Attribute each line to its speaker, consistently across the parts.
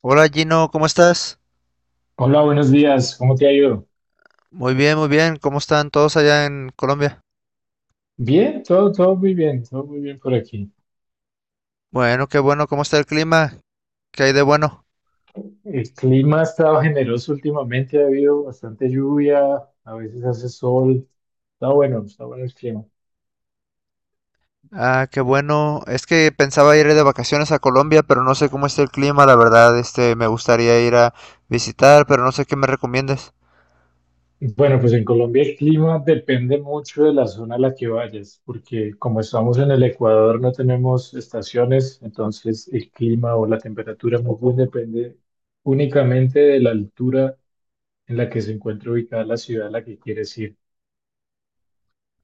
Speaker 1: Hola Gino, ¿cómo estás?
Speaker 2: Hola, buenos días. ¿Cómo te ha ido?
Speaker 1: Muy bien, muy bien. ¿Cómo están todos allá en Colombia?
Speaker 2: Bien, todo muy bien, todo muy bien por aquí.
Speaker 1: Bueno, qué bueno. ¿Cómo está el clima? ¿Qué hay de bueno?
Speaker 2: El clima ha estado generoso últimamente, ha habido bastante lluvia, a veces hace sol. Está bueno el clima.
Speaker 1: Ah, qué bueno. Es que pensaba ir de vacaciones a Colombia, pero no sé cómo está el clima, la verdad. Me gustaría ir a visitar, pero no sé qué me recomiendes.
Speaker 2: Bueno, pues en Colombia el clima depende mucho de la zona a la que vayas, porque como estamos en el Ecuador no tenemos estaciones, entonces el clima o la temperatura más bien depende únicamente de la altura en la que se encuentra ubicada la ciudad a la que quieres ir.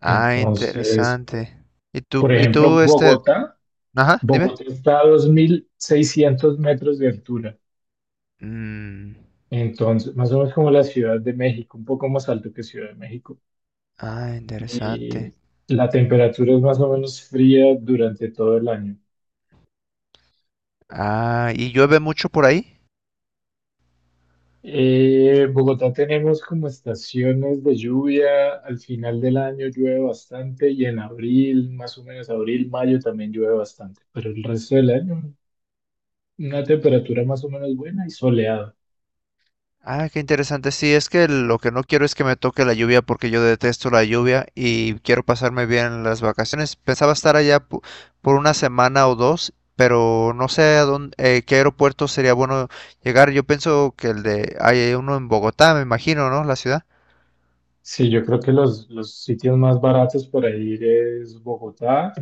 Speaker 1: Ah,
Speaker 2: Entonces,
Speaker 1: interesante. ¿Y
Speaker 2: por
Speaker 1: tú, y
Speaker 2: ejemplo,
Speaker 1: tú, este,
Speaker 2: Bogotá,
Speaker 1: ajá, ¿dime?
Speaker 2: Bogotá está a 2.600 metros de altura,
Speaker 1: Mm,
Speaker 2: entonces más o menos como la Ciudad de México, un poco más alto que Ciudad de México.
Speaker 1: ah, interesante.
Speaker 2: Y la temperatura es más o menos fría durante todo el año.
Speaker 1: Ah, ¿y llueve mucho por ahí?
Speaker 2: Bogotá tenemos como estaciones de lluvia, al final del año llueve bastante y en abril, más o menos abril, mayo también llueve bastante, pero el resto del año una temperatura más o menos buena y soleada.
Speaker 1: Ah, qué interesante. Sí, es que lo que no quiero es que me toque la lluvia porque yo detesto la lluvia y quiero pasarme bien las vacaciones. Pensaba estar allá por una semana o dos, pero no sé a dónde, qué aeropuerto sería bueno llegar. Yo pienso que hay uno en Bogotá, me imagino, ¿no? La ciudad.
Speaker 2: Sí, yo creo que los sitios más baratos para ir es Bogotá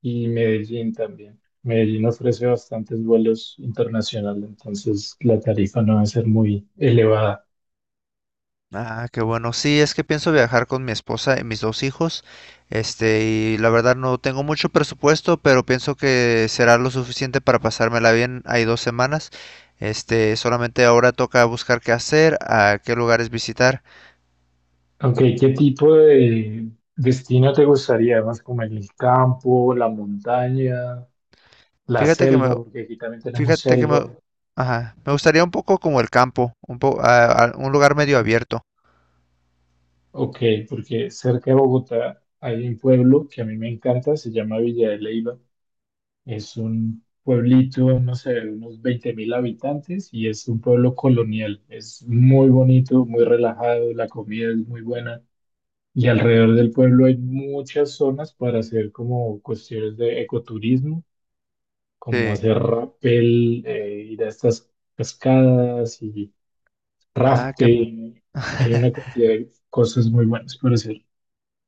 Speaker 2: y Medellín también. Medellín ofrece bastantes vuelos internacionales, entonces la tarifa no va a ser muy elevada.
Speaker 1: Ah, qué bueno. Sí, es que pienso viajar con mi esposa y mis dos hijos. Y la verdad no tengo mucho presupuesto, pero pienso que será lo suficiente para pasármela bien. Hay 2 semanas. Solamente ahora toca buscar qué hacer, a qué lugares visitar.
Speaker 2: Aunque, ¿qué tipo de destino te gustaría? Más como en el campo, la montaña, la
Speaker 1: Fíjate que me,
Speaker 2: selva, porque aquí también tenemos
Speaker 1: fíjate que me,
Speaker 2: selva.
Speaker 1: ajá, me gustaría un poco como el campo, un po- a- un lugar medio abierto.
Speaker 2: Ok, porque cerca de Bogotá hay un pueblo que a mí me encanta, se llama Villa de Leyva. Es un pueblito, no sé, de unos 20.000 habitantes y es un pueblo colonial. Es muy bonito, muy relajado, la comida es muy buena y alrededor del pueblo hay muchas zonas para hacer como cuestiones de ecoturismo, como
Speaker 1: Sí.
Speaker 2: hacer rappel, ir a estas cascadas y
Speaker 1: Ah, qué.
Speaker 2: rafting. Hay una cantidad de cosas muy buenas para hacer.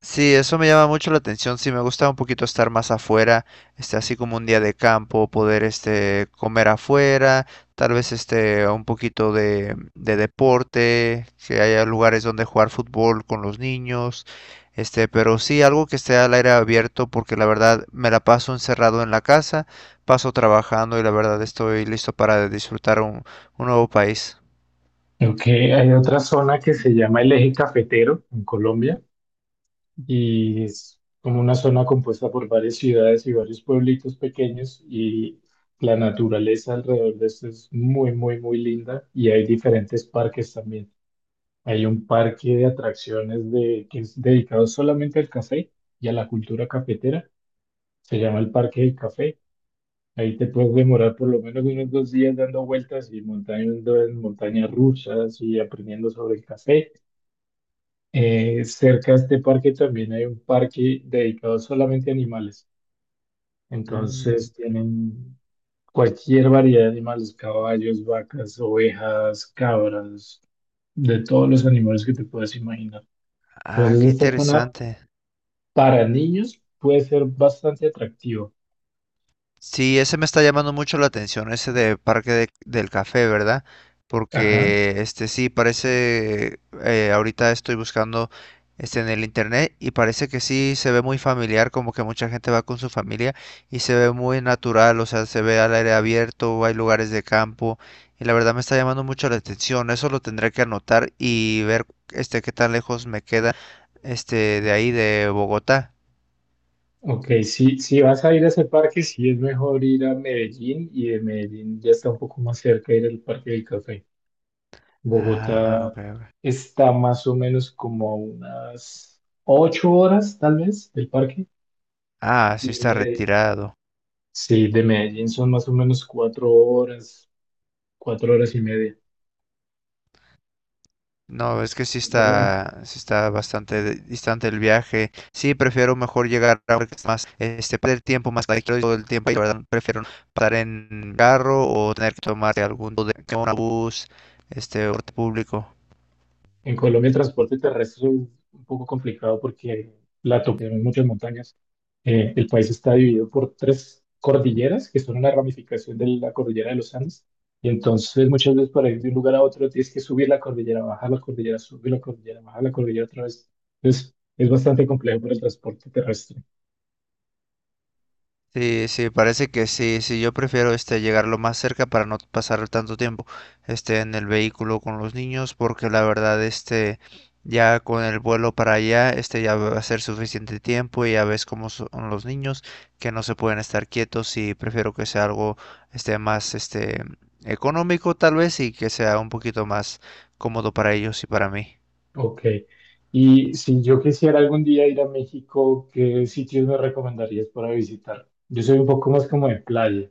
Speaker 1: Sí, eso me llama mucho la atención. Sí, me gusta un poquito estar más afuera, así como un día de campo, poder, comer afuera, tal vez, un poquito de deporte, que haya lugares donde jugar fútbol con los niños, pero sí algo que esté al aire abierto, porque la verdad me la paso encerrado en la casa, paso trabajando y la verdad estoy listo para disfrutar un nuevo país.
Speaker 2: Creo que hay otra zona que se llama el Eje Cafetero en Colombia y es como una zona compuesta por varias ciudades y varios pueblitos pequeños y la naturaleza alrededor de esto es muy, muy, muy linda y hay diferentes parques también. Hay un parque de atracciones de, que es dedicado solamente al café y a la cultura cafetera. Se llama el Parque del Café. Ahí te puedes demorar por lo menos unos dos días dando vueltas y montando en montañas rusas y aprendiendo sobre el café. Cerca de este parque también hay un parque dedicado solamente a animales.
Speaker 1: Mm,
Speaker 2: Entonces tienen cualquier variedad de animales, caballos, vacas, ovejas, cabras, de todos los animales que te puedas imaginar.
Speaker 1: ah,
Speaker 2: Entonces
Speaker 1: qué
Speaker 2: esta zona
Speaker 1: interesante.
Speaker 2: para niños puede ser bastante atractiva.
Speaker 1: Sí, ese me está llamando mucho la atención, ese de Parque del Café, ¿verdad?
Speaker 2: Ajá.
Speaker 1: Porque sí, parece, ahorita estoy buscando en el internet y parece que sí se ve muy familiar, como que mucha gente va con su familia y se ve muy natural, o sea, se ve al aire abierto, hay lugares de campo y la verdad me está llamando mucho la atención, eso lo tendré que anotar y ver qué tan lejos me queda de ahí de Bogotá.
Speaker 2: Ok, si vas a ir a ese parque, sí es mejor ir a Medellín y de Medellín ya está un poco más cerca ir al Parque del Café.
Speaker 1: Ah, ok,
Speaker 2: Bogotá
Speaker 1: ok.
Speaker 2: está más o menos como a unas ocho horas, tal vez, del parque.
Speaker 1: Ah, sí
Speaker 2: Y
Speaker 1: está
Speaker 2: Medellín.
Speaker 1: retirado.
Speaker 2: Sí, de Medellín son más o menos cuatro horas y media.
Speaker 1: No, es que sí
Speaker 2: En Colo- en
Speaker 1: está, sí está bastante distante el viaje. Sí, prefiero mejor llegar a porque es más, perder tiempo más que todo el tiempo. Y la verdad, prefiero pasar en carro o tener que tomar algún tipo de un bus, o transporte público.
Speaker 2: En Colombia el transporte terrestre es un poco complicado porque tenemos muchas montañas. El país está dividido por tres cordilleras que son una ramificación de la cordillera de los Andes. Y entonces muchas veces para ir de un lugar a otro tienes que subir la cordillera, bajar la cordillera, subir la cordillera, bajar la cordillera otra vez. Entonces es bastante complejo para el transporte terrestre.
Speaker 1: Sí, sí, parece que sí, sí, yo prefiero llegar lo más cerca para no pasar tanto tiempo en el vehículo con los niños porque la verdad ya con el vuelo para allá ya va a ser suficiente tiempo y ya ves cómo son los niños, que no se pueden estar quietos, y prefiero que sea algo más económico tal vez y que sea un poquito más cómodo para ellos y para mí.
Speaker 2: Ok. Y si yo quisiera algún día ir a México, ¿qué sitios me recomendarías para visitar? Yo soy un poco más como de playa.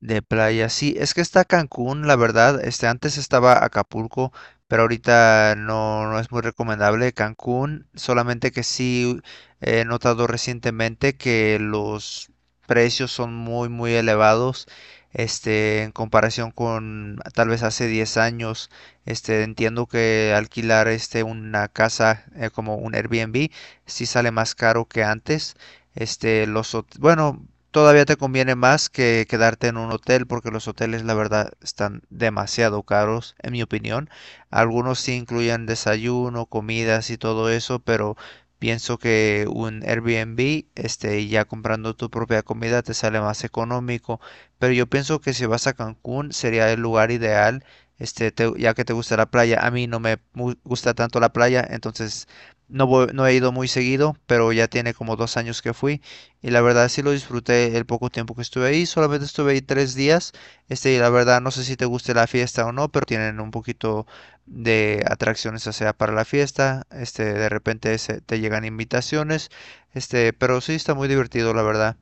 Speaker 1: De playa, sí, es que está Cancún, la verdad, antes estaba Acapulco, pero ahorita no, no es muy recomendable Cancún, solamente que sí he notado recientemente que los precios son muy muy elevados, en comparación con tal vez hace 10 años, entiendo que alquilar una casa como un Airbnb sí sale más caro que antes. Bueno, todavía te conviene más que quedarte en un hotel porque los hoteles, la verdad, están demasiado caros, en mi opinión. Algunos sí incluyen desayuno, comidas y todo eso, pero pienso que un Airbnb, ya comprando tu propia comida, te sale más económico. Pero yo pienso que si vas a Cancún sería el lugar ideal, ya que te gusta la playa. A mí no me gusta tanto la playa, entonces no he ido muy seguido, pero ya tiene como 2 años que fui. Y la verdad sí lo disfruté el poco tiempo que estuve ahí. Solamente estuve ahí 3 días. Y la verdad no sé si te guste la fiesta o no, pero tienen un poquito de atracciones, o sea, para la fiesta. Te llegan invitaciones. Pero sí está muy divertido, la verdad.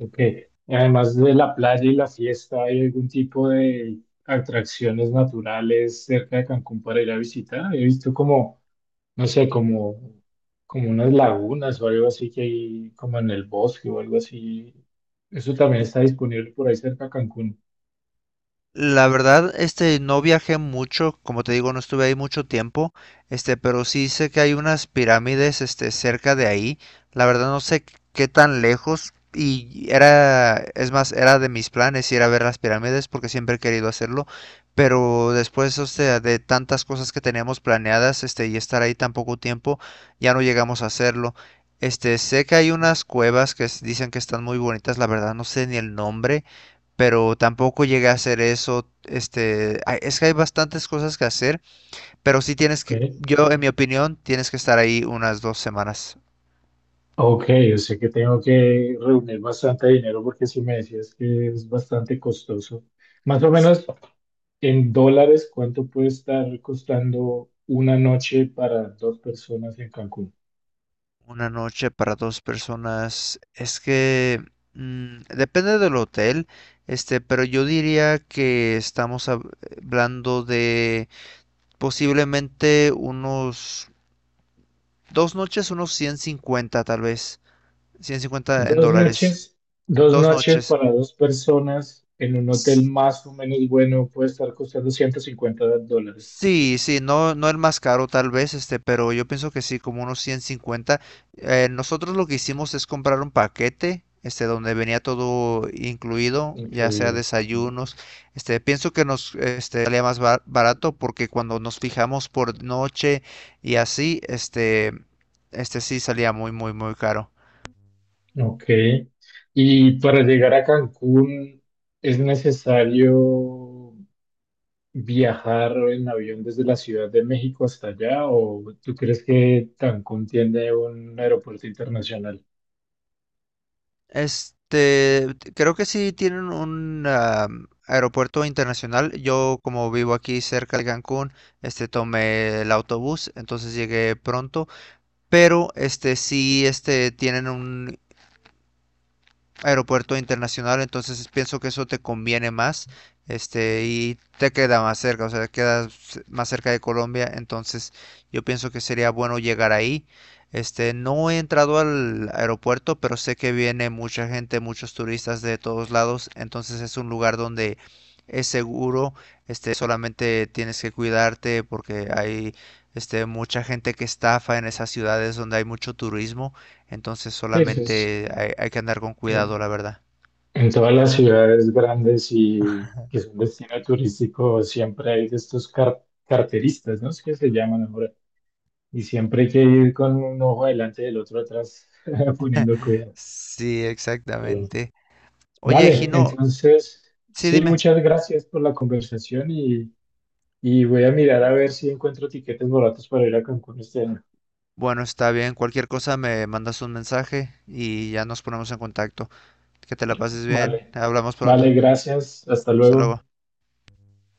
Speaker 2: Ok. Y además de la playa y la fiesta, ¿hay algún tipo de atracciones naturales cerca de Cancún para ir a visitar? He visto como, no sé, como unas lagunas o algo así que hay como en el bosque o algo así. Eso también está disponible por ahí cerca de Cancún.
Speaker 1: La verdad, no viajé mucho, como te digo, no estuve ahí mucho tiempo, pero sí sé que hay unas pirámides, cerca de ahí. La verdad no sé qué tan lejos y era, es más, era de mis planes ir a ver las pirámides porque siempre he querido hacerlo, pero después, o sea, de tantas cosas que teníamos planeadas, y estar ahí tan poco tiempo, ya no llegamos a hacerlo. Sé que hay unas cuevas que dicen que están muy bonitas, la verdad no sé ni el nombre, pero tampoco llegué a hacer eso. Es que hay bastantes cosas que hacer, pero sí tienes que,
Speaker 2: Ok.
Speaker 1: yo en mi opinión, tienes que estar ahí unas 2 semanas.
Speaker 2: Ok, o sea que tengo que reunir bastante dinero porque si me decías que es bastante costoso. Más o
Speaker 1: S-
Speaker 2: menos en dólares, ¿cuánto puede estar costando una noche para dos personas en Cancún?
Speaker 1: Una noche para dos personas. Es que depende del hotel, pero yo diría que estamos hablando de posiblemente unos 2 noches, unos 150 tal vez. 150 en
Speaker 2: Dos
Speaker 1: dólares.
Speaker 2: noches, dos
Speaker 1: Dos
Speaker 2: noches
Speaker 1: noches.
Speaker 2: para dos personas en un hotel más o menos bueno puede estar costando 150 dólares
Speaker 1: Sí, sí, no, no el más caro tal vez, pero yo pienso que sí, como unos 150. Nosotros lo que hicimos es comprar un paquete, donde venía todo incluido, ya sea
Speaker 2: incluido.
Speaker 1: desayunos. Pienso que nos, salía más barato porque cuando nos fijamos por noche y así, sí salía muy, muy, muy caro.
Speaker 2: Ok. ¿Y para llegar a Cancún es necesario viajar en avión desde la Ciudad de México hasta allá? ¿O tú crees que Cancún tiene un aeropuerto internacional?
Speaker 1: Este, Creo que sí tienen un aeropuerto internacional. Yo, como vivo aquí cerca de Cancún, tomé el autobús, entonces llegué pronto. Pero, sí, tienen un aeropuerto internacional, entonces pienso que eso te conviene más, y te queda más cerca, o sea, quedas más cerca de Colombia, entonces yo pienso que sería bueno llegar ahí. No he entrado al aeropuerto, pero sé que viene mucha gente, muchos turistas de todos lados, entonces es un lugar donde es seguro, solamente tienes que cuidarte porque hay, mucha gente que estafa en esas ciudades donde hay mucho turismo. Entonces
Speaker 2: Eso es
Speaker 1: solamente hay que andar con cuidado,
Speaker 2: en,
Speaker 1: la verdad.
Speaker 2: en todas las ciudades grandes y que son destino turístico, siempre hay de estos carteristas, ¿no? Es que se llaman ahora. Y siempre hay que ir con un ojo adelante y el otro atrás, poniendo cuidado.
Speaker 1: Sí,
Speaker 2: Pero,
Speaker 1: exactamente. Oye,
Speaker 2: vale,
Speaker 1: Gino,
Speaker 2: entonces,
Speaker 1: sí,
Speaker 2: sí,
Speaker 1: dime.
Speaker 2: muchas gracias por la conversación. Y voy a mirar a ver si encuentro tiquetes baratos para ir a Cancún este año.
Speaker 1: Bueno, está bien. Cualquier cosa me mandas un mensaje y ya nos ponemos en contacto. Que te la pases bien.
Speaker 2: Vale,
Speaker 1: Hablamos
Speaker 2: vale,
Speaker 1: pronto.
Speaker 2: gracias. Hasta
Speaker 1: Hasta luego.
Speaker 2: luego.